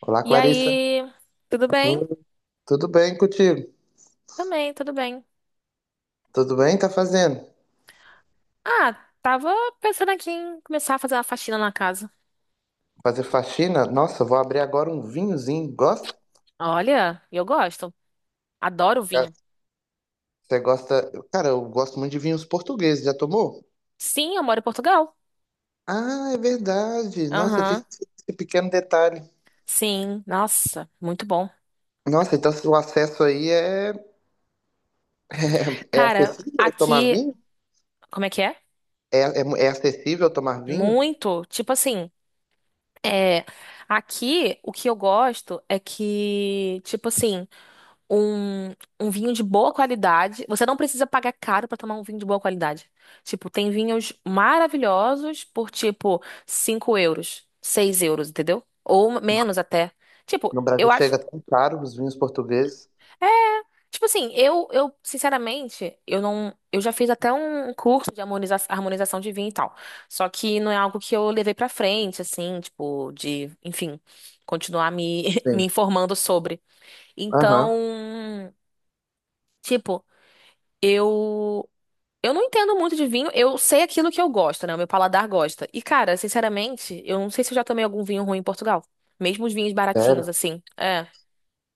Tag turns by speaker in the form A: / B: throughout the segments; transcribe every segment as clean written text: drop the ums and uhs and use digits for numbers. A: Olá,
B: E
A: Clarissa.
B: aí, tudo bem?
A: Hum, tudo bem contigo?
B: Também, tudo bem.
A: Tudo bem? Tá fazendo?
B: Ah, tava pensando aqui em começar a fazer uma faxina na casa.
A: Fazer faxina? Nossa, vou abrir agora um vinhozinho. Gosta?
B: Olha, eu gosto. Adoro
A: Cara,
B: vinho.
A: você gosta? Cara, eu gosto muito de vinhos portugueses. Já tomou?
B: Sim, eu moro em Portugal.
A: Ah, é verdade. Nossa, eu tinha
B: Aham.
A: esquecido esse pequeno detalhe.
B: Sim, nossa, muito bom.
A: Nossa, então se o acesso aí é, é, é
B: Cara,
A: acessível tomar
B: aqui,
A: vinho?
B: como é que é?
A: É, é, é acessível tomar vinho?
B: Muito, tipo assim, é, aqui o que eu gosto é que, tipo assim, um, um vinho de boa qualidade. Você não precisa pagar caro pra tomar um vinho de boa qualidade. Tipo, tem vinhos maravilhosos por, tipo, 5 euros, 6 euros, entendeu? Ou menos
A: Nossa,
B: até. Tipo,
A: no Brasil
B: eu acho.
A: chega tão caro os vinhos portugueses.
B: é, Tipo assim, eu sinceramente, eu não, eu já fiz até um curso de harmonização de vinho e tal. Só que não é algo que eu levei pra frente, assim, tipo, de, enfim, continuar me, me
A: Sim.
B: informando sobre.
A: Aham.
B: Então, tipo, eu Eu não entendo muito de vinho, eu sei aquilo que eu gosto, né? O meu paladar gosta. E, cara, sinceramente, eu não sei se eu já tomei algum vinho ruim em Portugal. Mesmo os vinhos baratinhos,
A: Sério?
B: assim. É.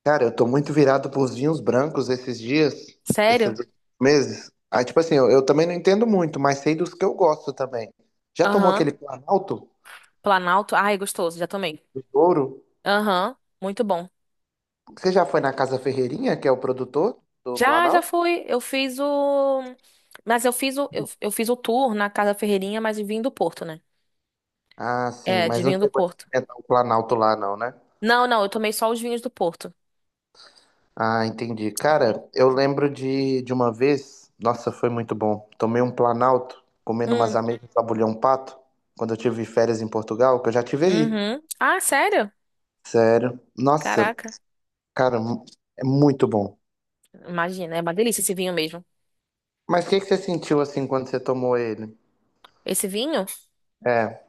A: Cara, eu tô muito virado pros vinhos brancos esses dias, esses
B: Sério?
A: meses. Aí, tipo assim, eu também não entendo muito, mas sei dos que eu gosto também. Já tomou
B: Aham.
A: aquele Planalto
B: Planalto. Ai, gostoso, já tomei.
A: do Douro?
B: Aham. Muito bom.
A: Você já foi na Casa Ferreirinha, que é o produtor do
B: Já
A: Planalto?
B: fui. Eu fiz o. Mas eu fiz o tour na Casa Ferreirinha, mas de vinho do Porto, né?
A: Ah, sim,
B: É, de
A: mas não
B: vinho do
A: chegou a
B: Porto.
A: experimentar o Planalto lá, não, né?
B: Não, não, eu tomei só os vinhos do Porto.
A: Ah, entendi. Cara, eu lembro de uma vez, nossa, foi muito bom. Tomei um Planalto, comendo umas
B: Hum,
A: ameixas de abulhão pato, quando eu tive férias em Portugal, que eu já tive aí.
B: uhum. Ah, sério?
A: Sério. Nossa,
B: Caraca.
A: cara, é muito bom.
B: Imagina, é uma delícia esse vinho mesmo.
A: Mas o que que você sentiu assim quando você tomou ele?
B: Esse vinho?
A: É.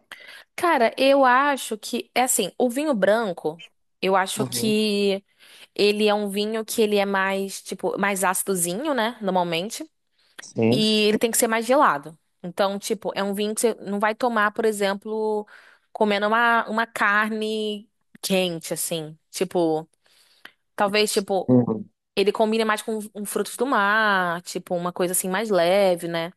B: Cara, eu acho que é assim, o vinho branco, eu acho
A: Uhum.
B: que ele é um vinho que ele é mais, tipo, mais ácidozinho, né, normalmente,
A: Sim.
B: e ele tem que ser mais gelado. Então, tipo, é um vinho que você não vai tomar, por exemplo, comendo uma carne quente, assim. Tipo, talvez, tipo,
A: Uhum.
B: ele combine mais com um frutos do mar, tipo, uma coisa assim mais leve, né?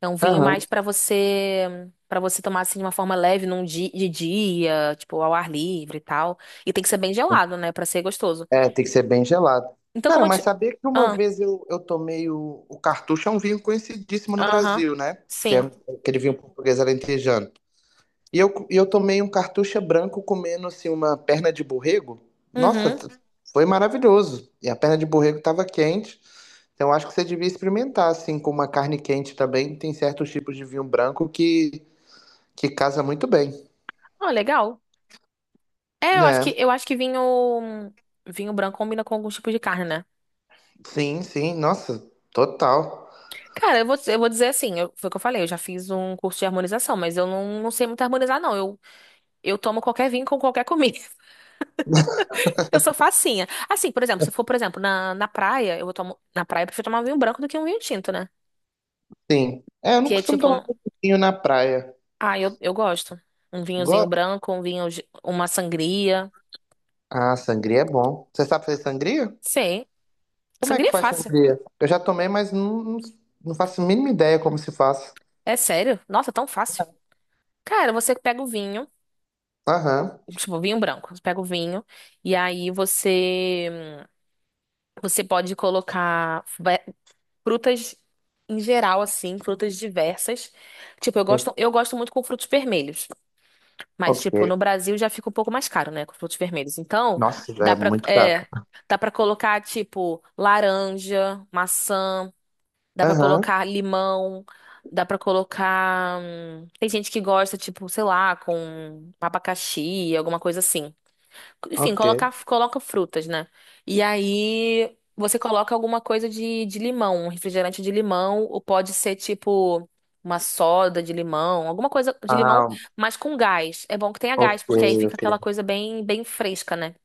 B: É um vinho
A: Aham.
B: mais pra você para você tomar assim de uma forma leve num dia, de dia, tipo ao ar livre e tal. E tem que ser bem gelado, né, pra ser gostoso.
A: É, tem que ser bem gelado.
B: Então como
A: Cara,
B: eu
A: mas
B: te.
A: sabia que uma
B: Ah,
A: vez eu tomei o cartucho, é um vinho conhecidíssimo no
B: aham.
A: Brasil, né? Que é
B: Sim.
A: aquele vinho português alentejano. E eu tomei um cartucha branco comendo assim uma perna de borrego. Nossa,
B: Uhum.
A: foi maravilhoso. E a perna de borrego estava quente. Então acho que você devia experimentar assim com uma carne quente também. Tem certos tipos de vinho branco que casa muito bem,
B: Ah, legal. É, eu acho
A: né?
B: que eu acho que vinho branco combina com alguns tipos de carne, né?
A: Sim, sim. Nossa, total.
B: Cara, eu vou dizer assim, eu- foi o que eu falei, eu já fiz um curso de harmonização, mas eu não sei muito harmonizar, não. Eu tomo qualquer vinho com qualquer comida. Eu sou facinha. Assim, por exemplo, se for, por exemplo, na praia, eu vou tomar. Na praia, eu prefiro tomar um vinho branco do que um vinho tinto, né?
A: Sim. É, eu não
B: Que é
A: costumo
B: tipo.
A: tomar
B: Não-
A: muito vinho na praia.
B: Ah, eu gosto. Um vinhozinho
A: Gosto.
B: branco, um vinho. De- Uma sangria.
A: Ah, sangria é bom. Você sabe fazer sangria?
B: Sim.
A: Como é que
B: Sangria é
A: faz
B: fácil.
A: sangria? Eu já tomei, mas não, não faço a mínima ideia como se faz.
B: É sério. Nossa, tão fácil. Cara, você pega o vinho.
A: Aham.
B: Tipo, vinho branco. Você pega o vinho. E aí você. Você pode colocar ve- frutas em geral, assim, frutas diversas. Tipo, eu gosto muito com frutos vermelhos. Mas,
A: Ok.
B: tipo, no Brasil já fica um pouco mais caro, né? Com frutos vermelhos. Então,
A: Nossa,
B: dá
A: é
B: pra,
A: muito caro.
B: é, dá pra colocar, tipo, laranja, maçã, dá pra
A: Aham,
B: colocar limão, dá pra colocar. Tem gente que gosta, tipo, sei lá, com abacaxi, alguma coisa assim. Enfim,
A: ok.
B: coloca, coloca frutas, né? E aí você coloca alguma coisa de limão, um refrigerante de limão, ou pode ser tipo uma soda de limão, alguma coisa de limão,
A: Ah,
B: mas com gás. É bom que tenha
A: ok,
B: gás, porque aí fica
A: ok.
B: aquela coisa bem, bem fresca, né?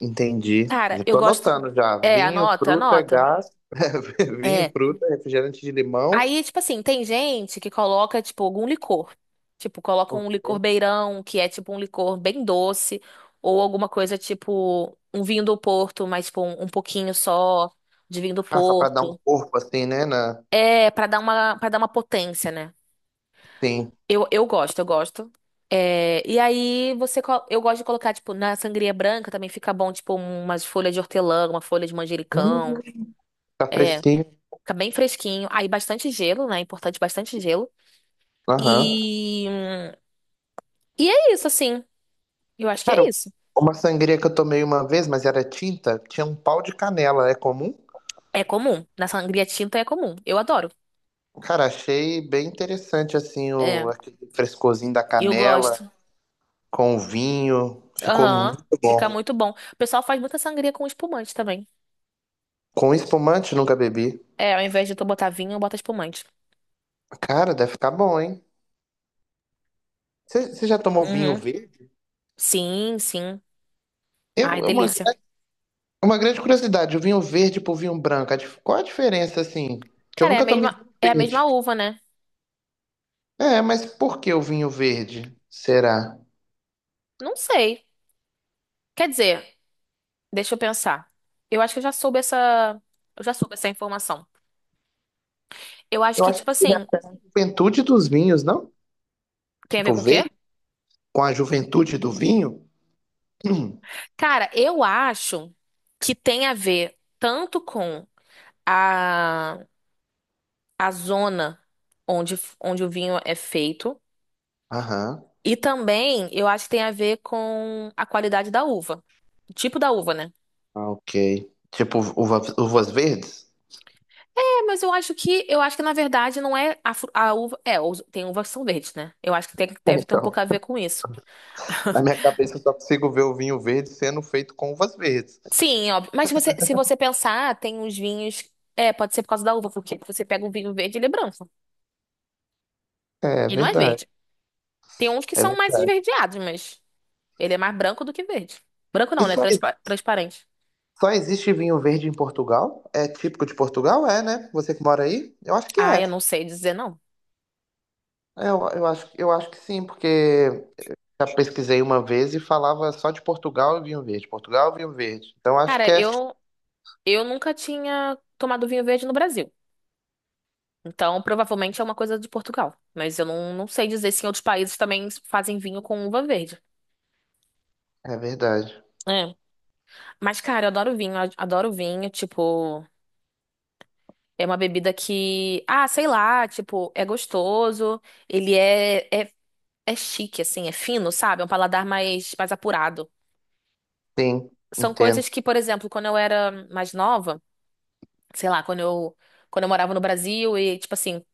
A: Entendi.
B: Cara,
A: Já
B: eu
A: tô
B: gosto.
A: anotando já.
B: É,
A: Vinho,
B: anota,
A: fruta,
B: anota.
A: gás. Vinho,
B: É.
A: fruta, refrigerante de limão.
B: Aí, tipo assim, tem gente que coloca, tipo, algum licor. Tipo, coloca um licor
A: Ok.
B: beirão, que é tipo um licor bem doce, ou alguma coisa tipo um vinho do Porto, mas tipo um pouquinho só de vinho do
A: Ah, só pra dar um
B: Porto.
A: corpo assim, né? Na...
B: É, para dar uma potência, né?
A: Sim.
B: Eu gosto, eu gosto. É, e aí você, co- eu gosto de colocar, tipo, na sangria branca também fica bom, tipo, umas folhas de hortelã, uma folha de
A: Hum,
B: manjericão.
A: tá
B: É,
A: fresquinho.
B: fica bem fresquinho. Aí bastante gelo, né? É importante bastante gelo.
A: Aham.
B: E hum, E é isso, assim. Eu acho que é
A: Cara,
B: isso.
A: uma sangria que eu tomei uma vez, mas era tinta, tinha um pau de canela. É comum?
B: É comum. Na sangria tinta é comum. Eu adoro.
A: Cara, achei bem interessante assim
B: É,
A: o aquele frescorzinho da
B: eu
A: canela
B: gosto.
A: com vinho. Ficou
B: Aham.
A: muito
B: Fica
A: bom.
B: muito bom. O pessoal faz muita sangria com espumante também.
A: Com espumante nunca bebi.
B: É, ao invés de tu botar vinho, eu boto espumante.
A: Cara, deve ficar bom, hein? Você já tomou vinho
B: Uhum.
A: verde?
B: Sim, sim. Ai,
A: Eu, é uma,
B: delícia.
A: é uma grande curiosidade, o vinho verde pro vinho branco, a qual a diferença, assim? Que eu
B: Cara, é a
A: nunca tomei
B: mesma,
A: vinho
B: é a mesma
A: verde.
B: uva, né?
A: É, mas por que o vinho verde? Será?
B: Não sei. Quer dizer, deixa eu pensar. Eu acho que eu já soube essa informação. Eu acho
A: Eu
B: que,
A: acho
B: tipo
A: que se
B: assim,
A: refere à juventude dos vinhos, não?
B: tem a ver
A: Tipo,
B: com o quê?
A: verde com a juventude do vinho? Hum,
B: Cara, eu acho que tem a ver tanto com a, a zona onde o vinho é feito.
A: aham,
B: E também eu acho que tem a ver com a qualidade da uva. O tipo da uva, né?
A: ah, ok. Tipo, uvas verdes?
B: É, mas eu acho que na verdade não é a, fru- a uva. É, os- tem uvas que são verdes, né? Eu acho que tem- deve ter um pouco a ver com isso.
A: Na minha cabeça eu só consigo ver o vinho verde sendo feito com uvas verdes.
B: Sim, óbvio. Mas você, se você pensar, tem uns vinhos. É, pode ser por causa da uva, porque você pega um vinho verde, ele é branco.
A: É
B: E não é
A: verdade.
B: verde. Tem uns que
A: É
B: são mais
A: verdade.
B: esverdeados, mas ele é mais branco do que verde. Branco
A: E
B: não, né?
A: só,
B: Transpa- transparente.
A: só existe vinho verde em Portugal? É típico de Portugal? É, né? Você que mora aí? Eu acho que
B: Ah, eu
A: é.
B: não sei dizer não.
A: Eu, eu acho que sim, porque já pesquisei uma vez e falava só de Portugal e vinho verde. Portugal e vinho verde. Então acho
B: Cara,
A: que é.
B: eu nunca tinha tomado vinho verde no Brasil. Então, provavelmente é uma coisa de Portugal. Mas eu não sei dizer se em outros países também fazem vinho com uva verde.
A: É verdade.
B: É. Mas, cara, eu adoro vinho, adoro vinho, tipo, é uma bebida que, ah, sei lá, tipo, é gostoso, ele é chique, assim, é fino, sabe? É um paladar mais, mais apurado.
A: Sim,
B: São
A: entendo.
B: coisas que, por exemplo, quando eu era mais nova, sei lá, quando eu morava no Brasil e, tipo assim,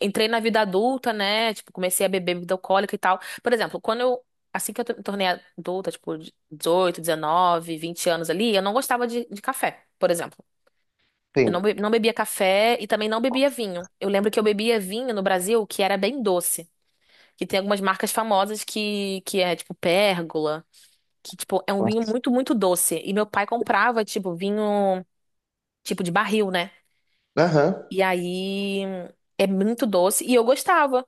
B: entrei na vida adulta, né? Tipo, comecei a beber bebida alcoólica e tal. Por exemplo, assim que eu me tornei adulta, tipo, 18, 19, 20 anos ali, eu não gostava de café, por exemplo. Eu não,
A: Sim.
B: be- não bebia café e também não bebia vinho. Eu lembro que eu bebia vinho no Brasil que era bem doce. Que tem algumas marcas famosas que é, tipo, Pérgola. Que, tipo, é um vinho muito, muito doce. E meu pai comprava, tipo, vinho, tipo, de barril, né?
A: Aham.
B: E aí é muito doce. E eu gostava.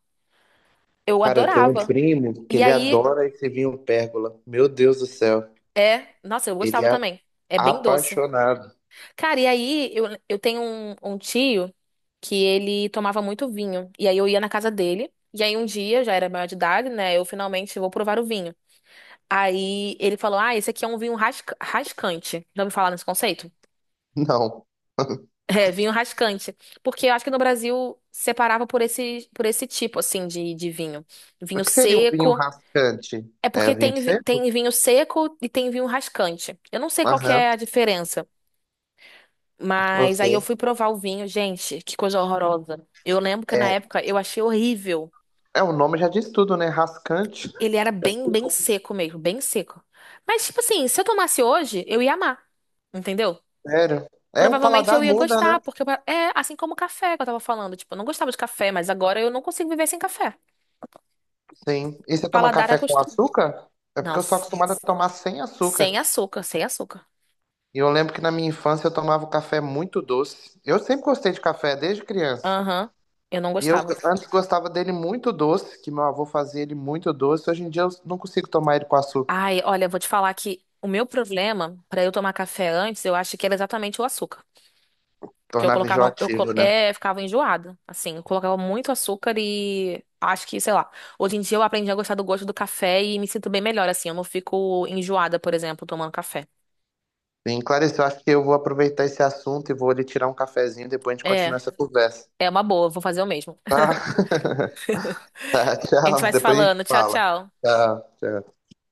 B: Eu
A: Cara, eu tenho um
B: adorava.
A: primo que
B: E
A: ele
B: aí
A: adora esse vinho pérgola. Meu Deus do céu.
B: é. Nossa, eu
A: Ele
B: gostava
A: é
B: também. É bem doce.
A: apaixonado.
B: Cara, e aí eu tenho um tio que ele tomava muito vinho. E aí eu ia na casa dele. E aí um dia, eu já era maior de idade, né? Eu finalmente vou provar o vinho. Aí ele falou: Ah, esse aqui é um vinho rascante. Já ouviu falar nesse conceito?
A: Não.
B: É, vinho rascante. Porque eu acho que no Brasil separava por esse tipo, assim, de vinho.
A: O
B: Vinho
A: que seria um vinho
B: seco.
A: rascante?
B: É
A: É
B: porque
A: vinho
B: tem, vi-
A: seco?
B: tem vinho seco e tem vinho rascante. Eu não sei qual que
A: Aham,
B: é a diferença, mas
A: ok.
B: aí eu fui provar o vinho, gente, que coisa horrorosa. Eu lembro que na
A: É,
B: época eu achei horrível.
A: é, o nome já diz tudo, né? Rascante.
B: Ele era bem, bem seco mesmo, bem seco. Mas, tipo assim, se eu tomasse hoje, eu ia amar, entendeu?
A: Sério. É, o
B: Provavelmente eu
A: paladar
B: ia
A: muda,
B: gostar,
A: né?
B: porque eu- é assim como o café que eu tava falando. Tipo, eu não gostava de café, mas agora eu não consigo viver sem café.
A: Sim. E
B: O
A: você toma
B: paladar
A: café com
B: acostuma.
A: açúcar? É
B: Não,
A: porque eu sou acostumado a tomar sem
B: sem
A: açúcar.
B: açúcar, sem açúcar.
A: E eu lembro que na minha infância eu tomava o café muito doce. Eu sempre gostei de café, desde criança.
B: Aham, eu não
A: E eu
B: gostava.
A: antes gostava dele muito doce, que meu avô fazia ele muito doce. Hoje em dia eu não consigo tomar ele com açúcar.
B: Ai, olha, eu vou te falar que o meu problema pra eu tomar café antes, eu acho que era exatamente o açúcar. Porque eu
A: Tornava
B: colocava, eu co-
A: enjoativo, né?
B: é, ficava enjoada, assim, eu colocava muito açúcar e acho que, sei lá, hoje em dia eu aprendi a gostar do gosto do café e me sinto bem melhor, assim, eu não fico enjoada, por exemplo, tomando café.
A: Sim, Clarice, eu acho que eu vou aproveitar esse assunto e vou ali tirar um cafezinho, depois a gente
B: É,
A: continua essa conversa.
B: é uma boa, vou fazer o mesmo.
A: Tá? Tá,
B: A gente
A: tchau.
B: vai se
A: Depois a gente
B: falando, tchau,
A: fala.
B: tchau.
A: Tchau, tchau.